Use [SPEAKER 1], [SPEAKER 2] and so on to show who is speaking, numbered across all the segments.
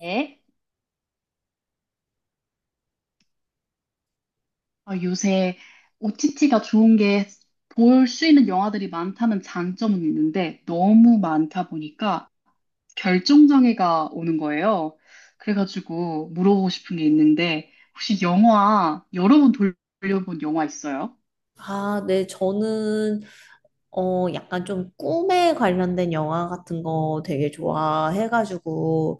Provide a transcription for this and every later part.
[SPEAKER 1] 네. 어, 요새 OTT가 좋은 게 볼 수 있는 영화들이 많다는 장점은 있는데 너무 많다 보니까 결정장애가 오는 거예요. 그래가지고 물어보고 싶은 게 있는데 혹시 영화 여러 번 돌려본 영화 있어요?
[SPEAKER 2] 아, 네, 저는, 약간 좀 꿈에 관련된 영화 같은 거 되게 좋아해가지고,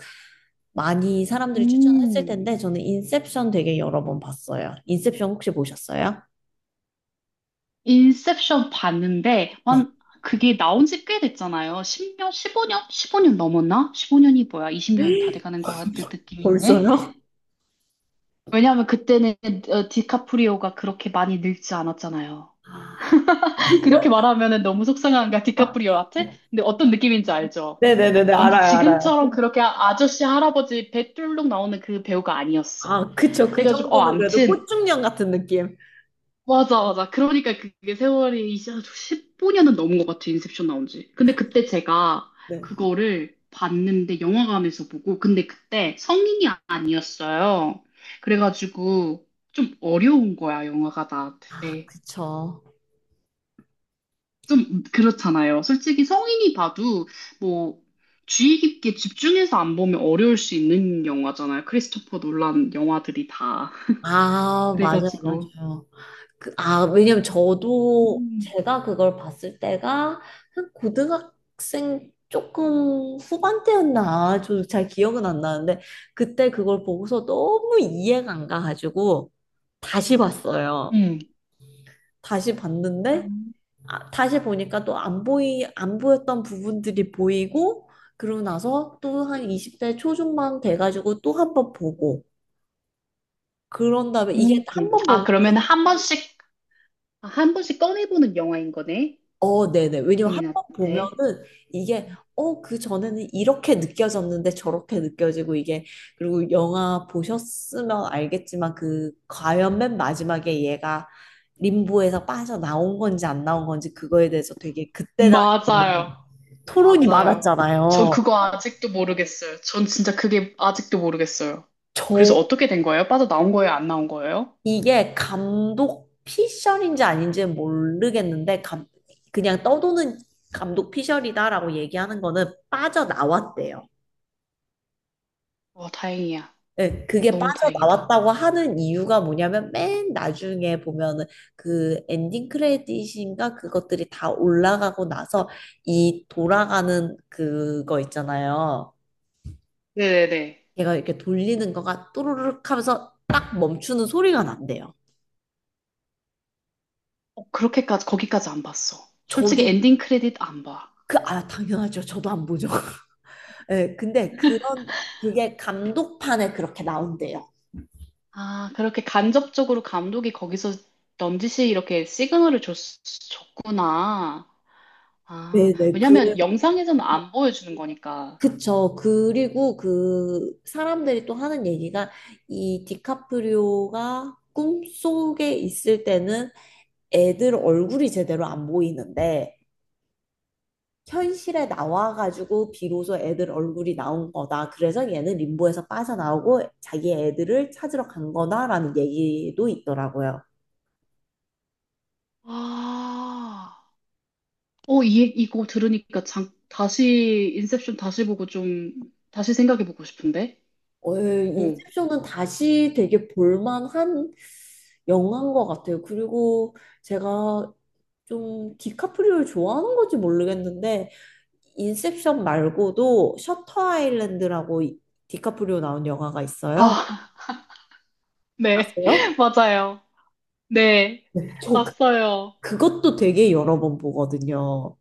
[SPEAKER 2] 많이 사람들이 추천했을
[SPEAKER 1] 음,
[SPEAKER 2] 텐데, 저는 인셉션 되게 여러 번 봤어요. 인셉션 혹시 보셨어요?
[SPEAKER 1] 인셉션 봤는데
[SPEAKER 2] 네.
[SPEAKER 1] 완 그게 나온 지 꽤 됐잖아요. 10년, 15년? 15년 넘었나? 15년이 뭐야? 20년 다 돼가는 것 같은 느낌인데
[SPEAKER 2] 벌써요?
[SPEAKER 1] 왜냐하면 그때는 어, 디카프리오가 그렇게 많이 늙지 않았잖아요. 그렇게 말하면은 너무 속상한가,
[SPEAKER 2] 아,
[SPEAKER 1] 디카프리오한테? 근데 어떤 느낌인지 알죠?
[SPEAKER 2] 네네네네,
[SPEAKER 1] 완전
[SPEAKER 2] 알아요, 알아요.
[SPEAKER 1] 지금처럼 그렇게 아저씨, 할아버지 배 뚫룩 나오는 그 배우가 아니었어.
[SPEAKER 2] 아, 그쵸. 그
[SPEAKER 1] 그래가지고, 어,
[SPEAKER 2] 정도는 그래도
[SPEAKER 1] 암튼,
[SPEAKER 2] 꽃중년 같은 느낌.
[SPEAKER 1] 맞아, 맞아. 그러니까 그게 세월이 이제 15년은 넘은 것 같아, 인셉션 나온 지. 근데 그때 제가
[SPEAKER 2] 네.
[SPEAKER 1] 그거를 봤는데, 영화관에서 보고, 근데 그때 성인이 아니었어요. 그래가지고 좀 어려운 거야, 영화가
[SPEAKER 2] 아,
[SPEAKER 1] 나한테.
[SPEAKER 2] 그쵸.
[SPEAKER 1] 좀 그렇잖아요. 솔직히 성인이 봐도 뭐 주의 깊게 집중해서 안 보면 어려울 수 있는 영화잖아요. 크리스토퍼 놀란 영화들이 다.
[SPEAKER 2] 아, 맞아요,
[SPEAKER 1] 그래가지고.
[SPEAKER 2] 맞아요. 아, 왜냐면 저도
[SPEAKER 1] 음,
[SPEAKER 2] 제가 그걸 봤을 때가 한 고등학생 조금 후반때였나? 저도 잘 기억은 안 나는데 그때 그걸 보고서 너무 이해가 안 가가지고 다시 봤어요. 다시 봤는데
[SPEAKER 1] 음.
[SPEAKER 2] 아, 다시 보니까 또 안 보였던 부분들이 보이고 그러고 나서 또 한 20대 초중반 돼가지고 또 한 번 보고 그런 다음에 이게
[SPEAKER 1] 음.
[SPEAKER 2] 한 번
[SPEAKER 1] 아,
[SPEAKER 2] 보면
[SPEAKER 1] 그러면 한 번씩, 아, 한 번씩 꺼내보는 영화인 거네?
[SPEAKER 2] 어, 네네. 왜냐면 한번
[SPEAKER 1] 본인한테.
[SPEAKER 2] 보면은 이게, 그 전에는 이렇게 느껴졌는데 저렇게 느껴지고 이게, 그리고 영화 보셨으면 알겠지만 과연 맨 마지막에 얘가 림보에서 빠져나온 건지 안 나온 건지 그거에 대해서 되게 그때 당시에는
[SPEAKER 1] 맞아요.
[SPEAKER 2] 토론이
[SPEAKER 1] 맞아요. 전
[SPEAKER 2] 많았잖아요.
[SPEAKER 1] 그거 아직도 모르겠어요. 전 진짜 그게 아직도 모르겠어요. 그래서
[SPEAKER 2] 저,
[SPEAKER 1] 어떻게 된 거예요? 빠져나온 거예요? 안 나온 거예요?
[SPEAKER 2] 이게 감독 피셜인지 아닌지는 모르겠는데, 그냥 떠도는 감독 피셜이다라고 얘기하는 거는 빠져나왔대요.
[SPEAKER 1] 어, 다행이야.
[SPEAKER 2] 네, 그게
[SPEAKER 1] 너무 다행이다.
[SPEAKER 2] 빠져나왔다고 하는 이유가 뭐냐면 맨 나중에 보면은 그 엔딩 크레딧인가 그것들이 다 올라가고 나서 이 돌아가는 그거 있잖아요.
[SPEAKER 1] 네네네.
[SPEAKER 2] 걔가 이렇게 돌리는 거가 또르륵 하면서 딱 멈추는 소리가 난대요.
[SPEAKER 1] 어, 그렇게까지, 거기까지 안 봤어. 솔직히
[SPEAKER 2] 저도
[SPEAKER 1] 엔딩 크레딧 안 봐.
[SPEAKER 2] 아, 당연하죠. 저도 안 보죠. 네, 근데 그게 감독판에 그렇게 나온대요.
[SPEAKER 1] 아, 그렇게 간접적으로 감독이 거기서 넌지시 이렇게 시그널을 줬구나. 아,
[SPEAKER 2] 네네, 그래.
[SPEAKER 1] 왜냐면 영상에서는 안 보여주는 거니까.
[SPEAKER 2] 그쵸. 그리고 그 사람들이 또 하는 얘기가 이 디카프리오가 꿈속에 있을 때는 애들 얼굴이 제대로 안 보이는데 현실에 나와가지고 비로소 애들 얼굴이 나온 거다. 그래서 얘는 림보에서 빠져나오고 자기 애들을 찾으러 간 거다라는 얘기도 있더라고요.
[SPEAKER 1] 아, 어, 이, 이거 들으니까 장, 다시, 인셉션 다시 보고 좀, 다시 생각해보고 싶은데? 오.
[SPEAKER 2] 인셉션은 다시 되게 볼만한 영화인 것 같아요. 그리고 제가 좀 디카프리오를 좋아하는 건지 모르겠는데 인셉션 말고도 셔터 아일랜드라고 디카프리오 나온 영화가 있어요.
[SPEAKER 1] 아, 네.
[SPEAKER 2] 아세요?
[SPEAKER 1] 맞아요. 네.
[SPEAKER 2] 네,
[SPEAKER 1] 봤어요.
[SPEAKER 2] 그것도 되게 여러 번 보거든요.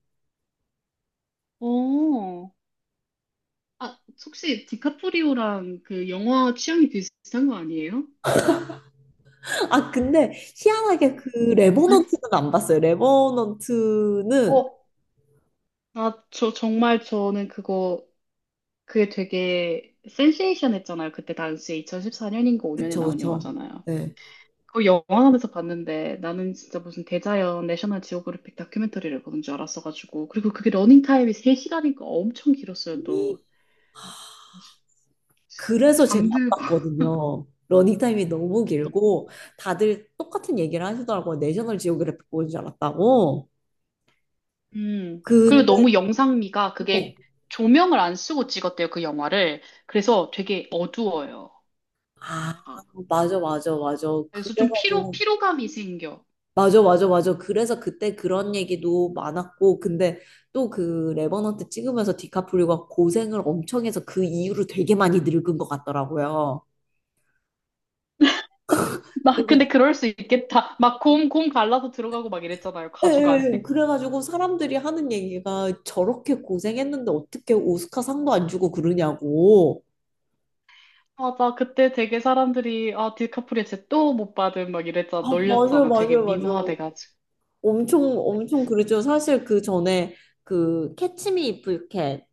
[SPEAKER 1] 오. 아, 혹시 디카프리오랑 그 영화 취향이 비슷한 거 아니에요?
[SPEAKER 2] 아 근데 희한하게 그 레버넌트는 안 봤어요. 레버넌트는
[SPEAKER 1] 어, 아, 저, 정말 저는 그거 그게 되게 센세이션했잖아요. 그때 당시에 2014년인가 5년에
[SPEAKER 2] 그쵸
[SPEAKER 1] 나온
[SPEAKER 2] 그쵸.
[SPEAKER 1] 영화잖아요.
[SPEAKER 2] 네.
[SPEAKER 1] 그 영화관에서 봤는데 나는 진짜 무슨 대자연 내셔널 지오그래픽 다큐멘터리를 보는 줄 알았어가지고 그리고 그게 러닝타임이 3시간이니까 엄청 길었어요 또. 아
[SPEAKER 2] 그래서 제가 안
[SPEAKER 1] 잠들고
[SPEAKER 2] 봤거든요. 러닝타임이 너무
[SPEAKER 1] 너무
[SPEAKER 2] 길고 다들 똑같은 얘기를 하시더라고요. 내셔널 지오그래픽 보는 줄 알았다고.
[SPEAKER 1] 그리고
[SPEAKER 2] 근데
[SPEAKER 1] 너무 영상미가
[SPEAKER 2] 어,
[SPEAKER 1] 그게 조명을 안 쓰고 찍었대요 그 영화를. 그래서 되게 어두워요
[SPEAKER 2] 아
[SPEAKER 1] 다.
[SPEAKER 2] 맞아 맞아 맞아
[SPEAKER 1] 그래서 좀
[SPEAKER 2] 그래가지고
[SPEAKER 1] 피로감이 생겨.
[SPEAKER 2] 맞아 맞아 맞아 그래서 그때 그런 얘기도 많았고 근데 또 그 레버넌트 찍으면서 디카프리오가 고생을 엄청 해서 그 이후로 되게 많이 늙은 것 같더라고요.
[SPEAKER 1] 나
[SPEAKER 2] 그래서
[SPEAKER 1] 근데 그럴 수 있겠다. 막 곰 갈라서 들어가고 막 이랬잖아요.
[SPEAKER 2] 예,
[SPEAKER 1] 가죽 안에.
[SPEAKER 2] 예, 예. 그래가지고 사람들이 하는 얘기가 저렇게 고생했는데 어떻게 오스카상도 안 주고 그러냐고.
[SPEAKER 1] 맞아. 그때 되게 사람들이, 아, 디카프리오 쟤또 못 받은 막 이랬잖아.
[SPEAKER 2] 아, 맞아요,
[SPEAKER 1] 놀렸잖아. 되게
[SPEAKER 2] 맞아요, 맞아요.
[SPEAKER 1] 미모화돼가지고.
[SPEAKER 2] 엄청, 엄청 그랬죠. 사실 그 전에 그 캐치미 이프 유캔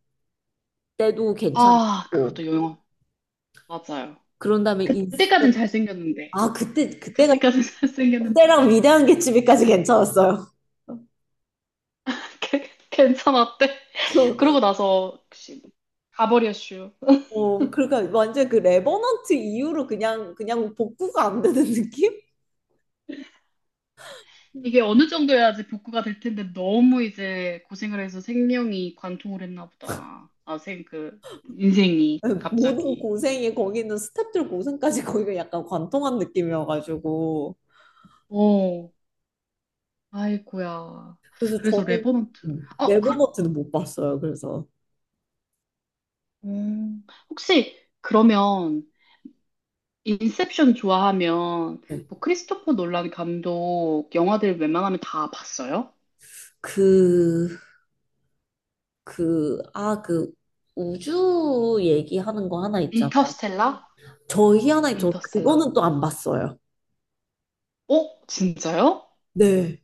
[SPEAKER 2] 때도
[SPEAKER 1] 아,
[SPEAKER 2] 괜찮았고.
[SPEAKER 1] 그것도 영화. 맞아요.
[SPEAKER 2] 그런 다음에 인스
[SPEAKER 1] 그때까진 잘생겼는데.
[SPEAKER 2] 아,
[SPEAKER 1] 그때까진 잘생겼는데.
[SPEAKER 2] 그때랑 위대한 개츠비까지 괜찮았어요.
[SPEAKER 1] 괜찮았대.
[SPEAKER 2] 그,
[SPEAKER 1] 그러고 나서, 혹시, 가버렸슈.
[SPEAKER 2] 그러니까 완전 그 레버넌트 이후로 그냥 복구가 안 되는 느낌?
[SPEAKER 1] 이게 어느 정도 해야지 복구가 될 텐데 너무 이제 고생을 해서 생명이 관통을 했나 보다. 아, 인생이
[SPEAKER 2] 모든
[SPEAKER 1] 갑자기.
[SPEAKER 2] 고생이 거기는 스태프들 고생까지 거기가 약간 관통한 느낌이어가지고
[SPEAKER 1] 어, 아이고야.
[SPEAKER 2] 그래서
[SPEAKER 1] 그래서
[SPEAKER 2] 저는
[SPEAKER 1] 레버넌트. 어, 그,
[SPEAKER 2] 네버너트는 못 봤어요. 그래서
[SPEAKER 1] 혹시 그러면 인셉션 좋아하면 뭐 크리스토퍼 놀란 감독 영화들 웬만하면 다 봤어요?
[SPEAKER 2] 그, 그 우주 얘기하는 거 하나 있잖아요.
[SPEAKER 1] 인터스텔라?
[SPEAKER 2] 저희 하나저
[SPEAKER 1] 인터스텔라.
[SPEAKER 2] 그거는 또 안 봤어요.
[SPEAKER 1] 어, 진짜요?
[SPEAKER 2] 네.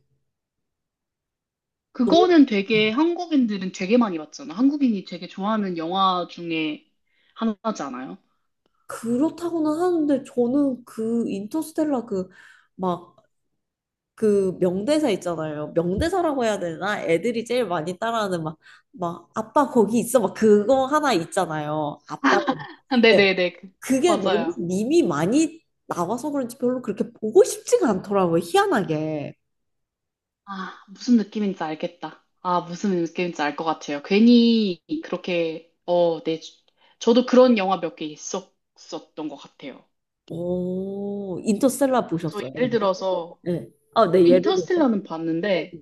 [SPEAKER 2] 너무
[SPEAKER 1] 그거는 되게 한국인들은 되게 많이 봤잖아. 한국인이 되게 좋아하는 영화 중에 하나잖아요.
[SPEAKER 2] 그렇다고는 하는데 저는 그 인터스텔라 그막 그 명대사 있잖아요. 명대사라고 해야 되나? 애들이 제일 많이 따라하는 막, 아빠 거기 있어. 막 그거 하나 있잖아요. 아빠. 네.
[SPEAKER 1] 네네네.
[SPEAKER 2] 그게 너무
[SPEAKER 1] 맞아요.
[SPEAKER 2] 밈이 많이 나와서 그런지 별로 그렇게 보고 싶지가 않더라고요. 희한하게.
[SPEAKER 1] 아, 무슨 느낌인지 알겠다. 아, 무슨 느낌인지 알 것 같아요. 괜히 그렇게, 어, 네. 저도 그런 영화 몇 개 있었던 것 같아요.
[SPEAKER 2] 오, 인터스텔라
[SPEAKER 1] 저
[SPEAKER 2] 보셨어요?
[SPEAKER 1] 예를
[SPEAKER 2] 근데?
[SPEAKER 1] 들어서,
[SPEAKER 2] 네. 아, 네, 예를 들어서.
[SPEAKER 1] 인터스텔라는 봤는데,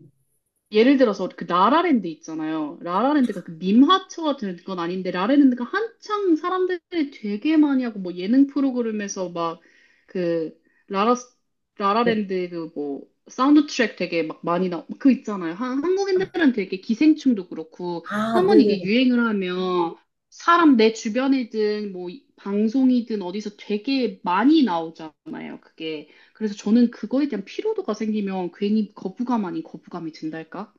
[SPEAKER 1] 예를 들어서 그 라라랜드 있잖아요. 라라랜드가 그 밈하초 같은 건 아닌데 라라랜드가 한창 사람들이 되게 많이 하고 뭐 예능 프로그램에서 막 그 라라
[SPEAKER 2] 네.
[SPEAKER 1] 라라랜드 그 뭐 사운드 트랙 되게 막 많이 나오 그 있잖아요. 한 한국인들은 되게 기생충도 그렇고
[SPEAKER 2] 아,
[SPEAKER 1] 한 번 이게
[SPEAKER 2] 네네네.
[SPEAKER 1] 유행을 하면 사람 내 주변이든 뭐 방송이든 어디서 되게 많이 나오잖아요. 그게. 그래서 저는 그거에 대한 피로도가 생기면 괜히 거부감 아닌 거부감이 든달까?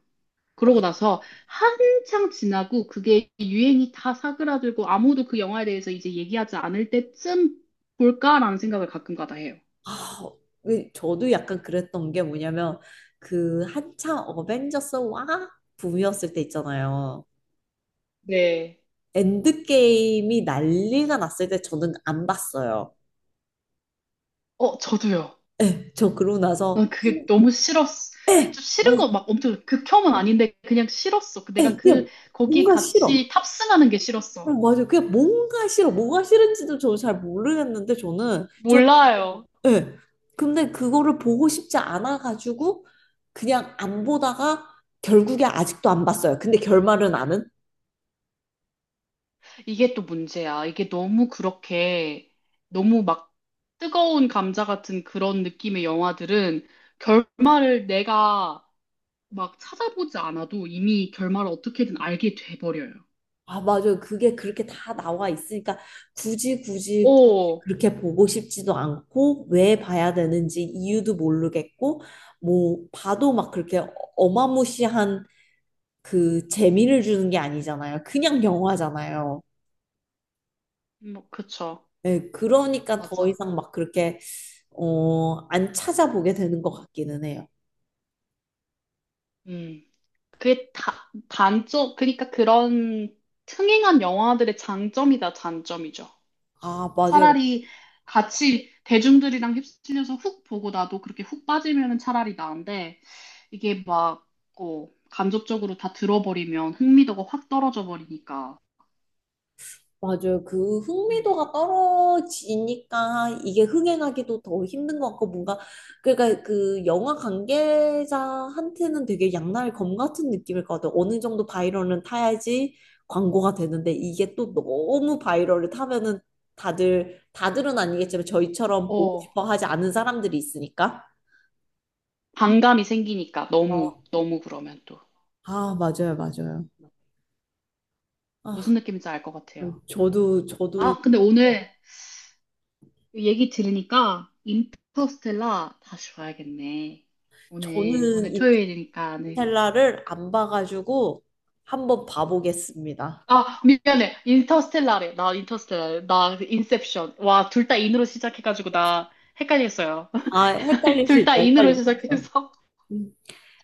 [SPEAKER 1] 그러고 나서 한창 지나고 그게 유행이 다 사그라들고 아무도 그 영화에 대해서 이제 얘기하지 않을 때쯤 볼까라는 생각을 가끔가다 해요.
[SPEAKER 2] 아, 왜 저도 약간 그랬던 게 뭐냐면, 그 한창 어벤져스 와 붐이었을 때 있잖아요.
[SPEAKER 1] 네.
[SPEAKER 2] 엔드게임이 난리가 났을 때 저는 안 봤어요.
[SPEAKER 1] 어, 저도요.
[SPEAKER 2] 예, 저 그러고
[SPEAKER 1] 난
[SPEAKER 2] 나서 그냥
[SPEAKER 1] 그게 너무 싫었어. 좀 싫은
[SPEAKER 2] 뭐-
[SPEAKER 1] 거 막 엄청 극혐은 아닌데 그냥 싫었어. 그 내가
[SPEAKER 2] 예,
[SPEAKER 1] 그
[SPEAKER 2] 그냥
[SPEAKER 1] 거기에
[SPEAKER 2] 뭔가 싫어.
[SPEAKER 1] 같이 탑승하는 게
[SPEAKER 2] 어,
[SPEAKER 1] 싫었어.
[SPEAKER 2] 맞아요. 그냥 뭔가 싫어. 뭐가 싫은지도 저는 잘 모르겠는데 저는
[SPEAKER 1] 몰라요.
[SPEAKER 2] 예. 근데 그거를 보고 싶지 않아 가지고 그냥 안 보다가 결국에 아직도 안 봤어요. 근데 결말은 아는.
[SPEAKER 1] 이게 또 문제야. 이게 너무 그렇게, 너무 막 뜨거운 감자 같은 그런 느낌의 영화들은 결말을 내가 막 찾아보지 않아도 이미 결말을 어떻게든 알게 돼버려요.
[SPEAKER 2] 아, 맞아요. 그게 그렇게 다 나와 있으니까 굳이 굳이
[SPEAKER 1] 오,
[SPEAKER 2] 그렇게 보고 싶지도 않고 왜 봐야 되는지 이유도 모르겠고 뭐 봐도 막 그렇게 어마무시한 그 재미를 주는 게 아니잖아요. 그냥 영화잖아요.
[SPEAKER 1] 뭐, 그쵸.
[SPEAKER 2] 네, 그러니까 더
[SPEAKER 1] 맞아.
[SPEAKER 2] 이상 막 그렇게 안 찾아보게 되는 것 같기는 해요.
[SPEAKER 1] 음. 그게 다, 단점, 그러니까 그런 흥행한 영화들의 장점이다, 단점이죠.
[SPEAKER 2] 아, 맞아요.
[SPEAKER 1] 차라리 같이 대중들이랑 휩쓸려서 훅 보고 나도 그렇게 훅 빠지면은 차라리 나은데 이게 막 어, 간접적으로 다 들어버리면 흥미도가 확 떨어져 버리니까.
[SPEAKER 2] 맞아요. 그
[SPEAKER 1] 음.
[SPEAKER 2] 흥미도가 떨어지니까 이게 흥행하기도 더 힘든 것 같고 뭔가 그러니까 그 영화 관계자한테는 되게 양날 검 같은 느낌일 것 같아요. 어느 정도 바이럴은 타야지 광고가 되는데 이게 또 너무 바이럴을 타면은 다들은 아니겠지만 저희처럼 보고
[SPEAKER 1] 어,
[SPEAKER 2] 싶어 하지 않은 사람들이 있으니까.
[SPEAKER 1] 반감이 생기니까 너무
[SPEAKER 2] 어,
[SPEAKER 1] 너무 그러면 또
[SPEAKER 2] 아, 맞아요, 맞아요. 아,
[SPEAKER 1] 무슨 느낌인지 알 것 같아요.
[SPEAKER 2] 저도
[SPEAKER 1] 아, 근데 오늘 얘기 들으니까 인터스텔라 다시 봐야겠네.
[SPEAKER 2] 저는
[SPEAKER 1] 오늘 토요일이니까 네.
[SPEAKER 2] 인터스텔라를 안 봐가지고 한번 봐보겠습니다.
[SPEAKER 1] 아, 미안해. 인터스텔라래. 나 인터스텔라. 나 인셉션. 와, 둘 다 인으로 시작해가지고 나 헷갈렸어요.
[SPEAKER 2] 아,
[SPEAKER 1] 둘 다
[SPEAKER 2] 헷갈리시죠?
[SPEAKER 1] 인으로
[SPEAKER 2] 헷갈리시죠?
[SPEAKER 1] 시작해서.
[SPEAKER 2] 음,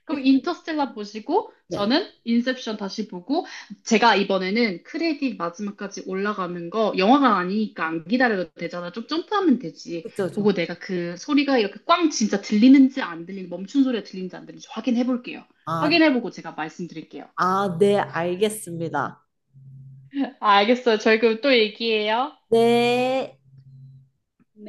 [SPEAKER 1] 그럼
[SPEAKER 2] 헷갈리시-
[SPEAKER 1] 인터스텔라 보시고,
[SPEAKER 2] 네,
[SPEAKER 1] 저는 인셉션 다시 보고, 제가 이번에는 크레딧 마지막까지 올라가는 거, 영화가 아니니까 안 기다려도 되잖아. 좀 점프하면 되지.
[SPEAKER 2] 그쵸, 죠
[SPEAKER 1] 보고 내가 그 소리가 이렇게 꽝 진짜 들리는지 안 들리는지, 멈춘 소리가 들리는지 안 들리는지 확인해 볼게요.
[SPEAKER 2] 아,
[SPEAKER 1] 확인해 보고 제가 말씀드릴게요.
[SPEAKER 2] 아, 네, 알겠습니다.
[SPEAKER 1] 아, 알겠어요. 저희 그럼 또 얘기해요.
[SPEAKER 2] 네.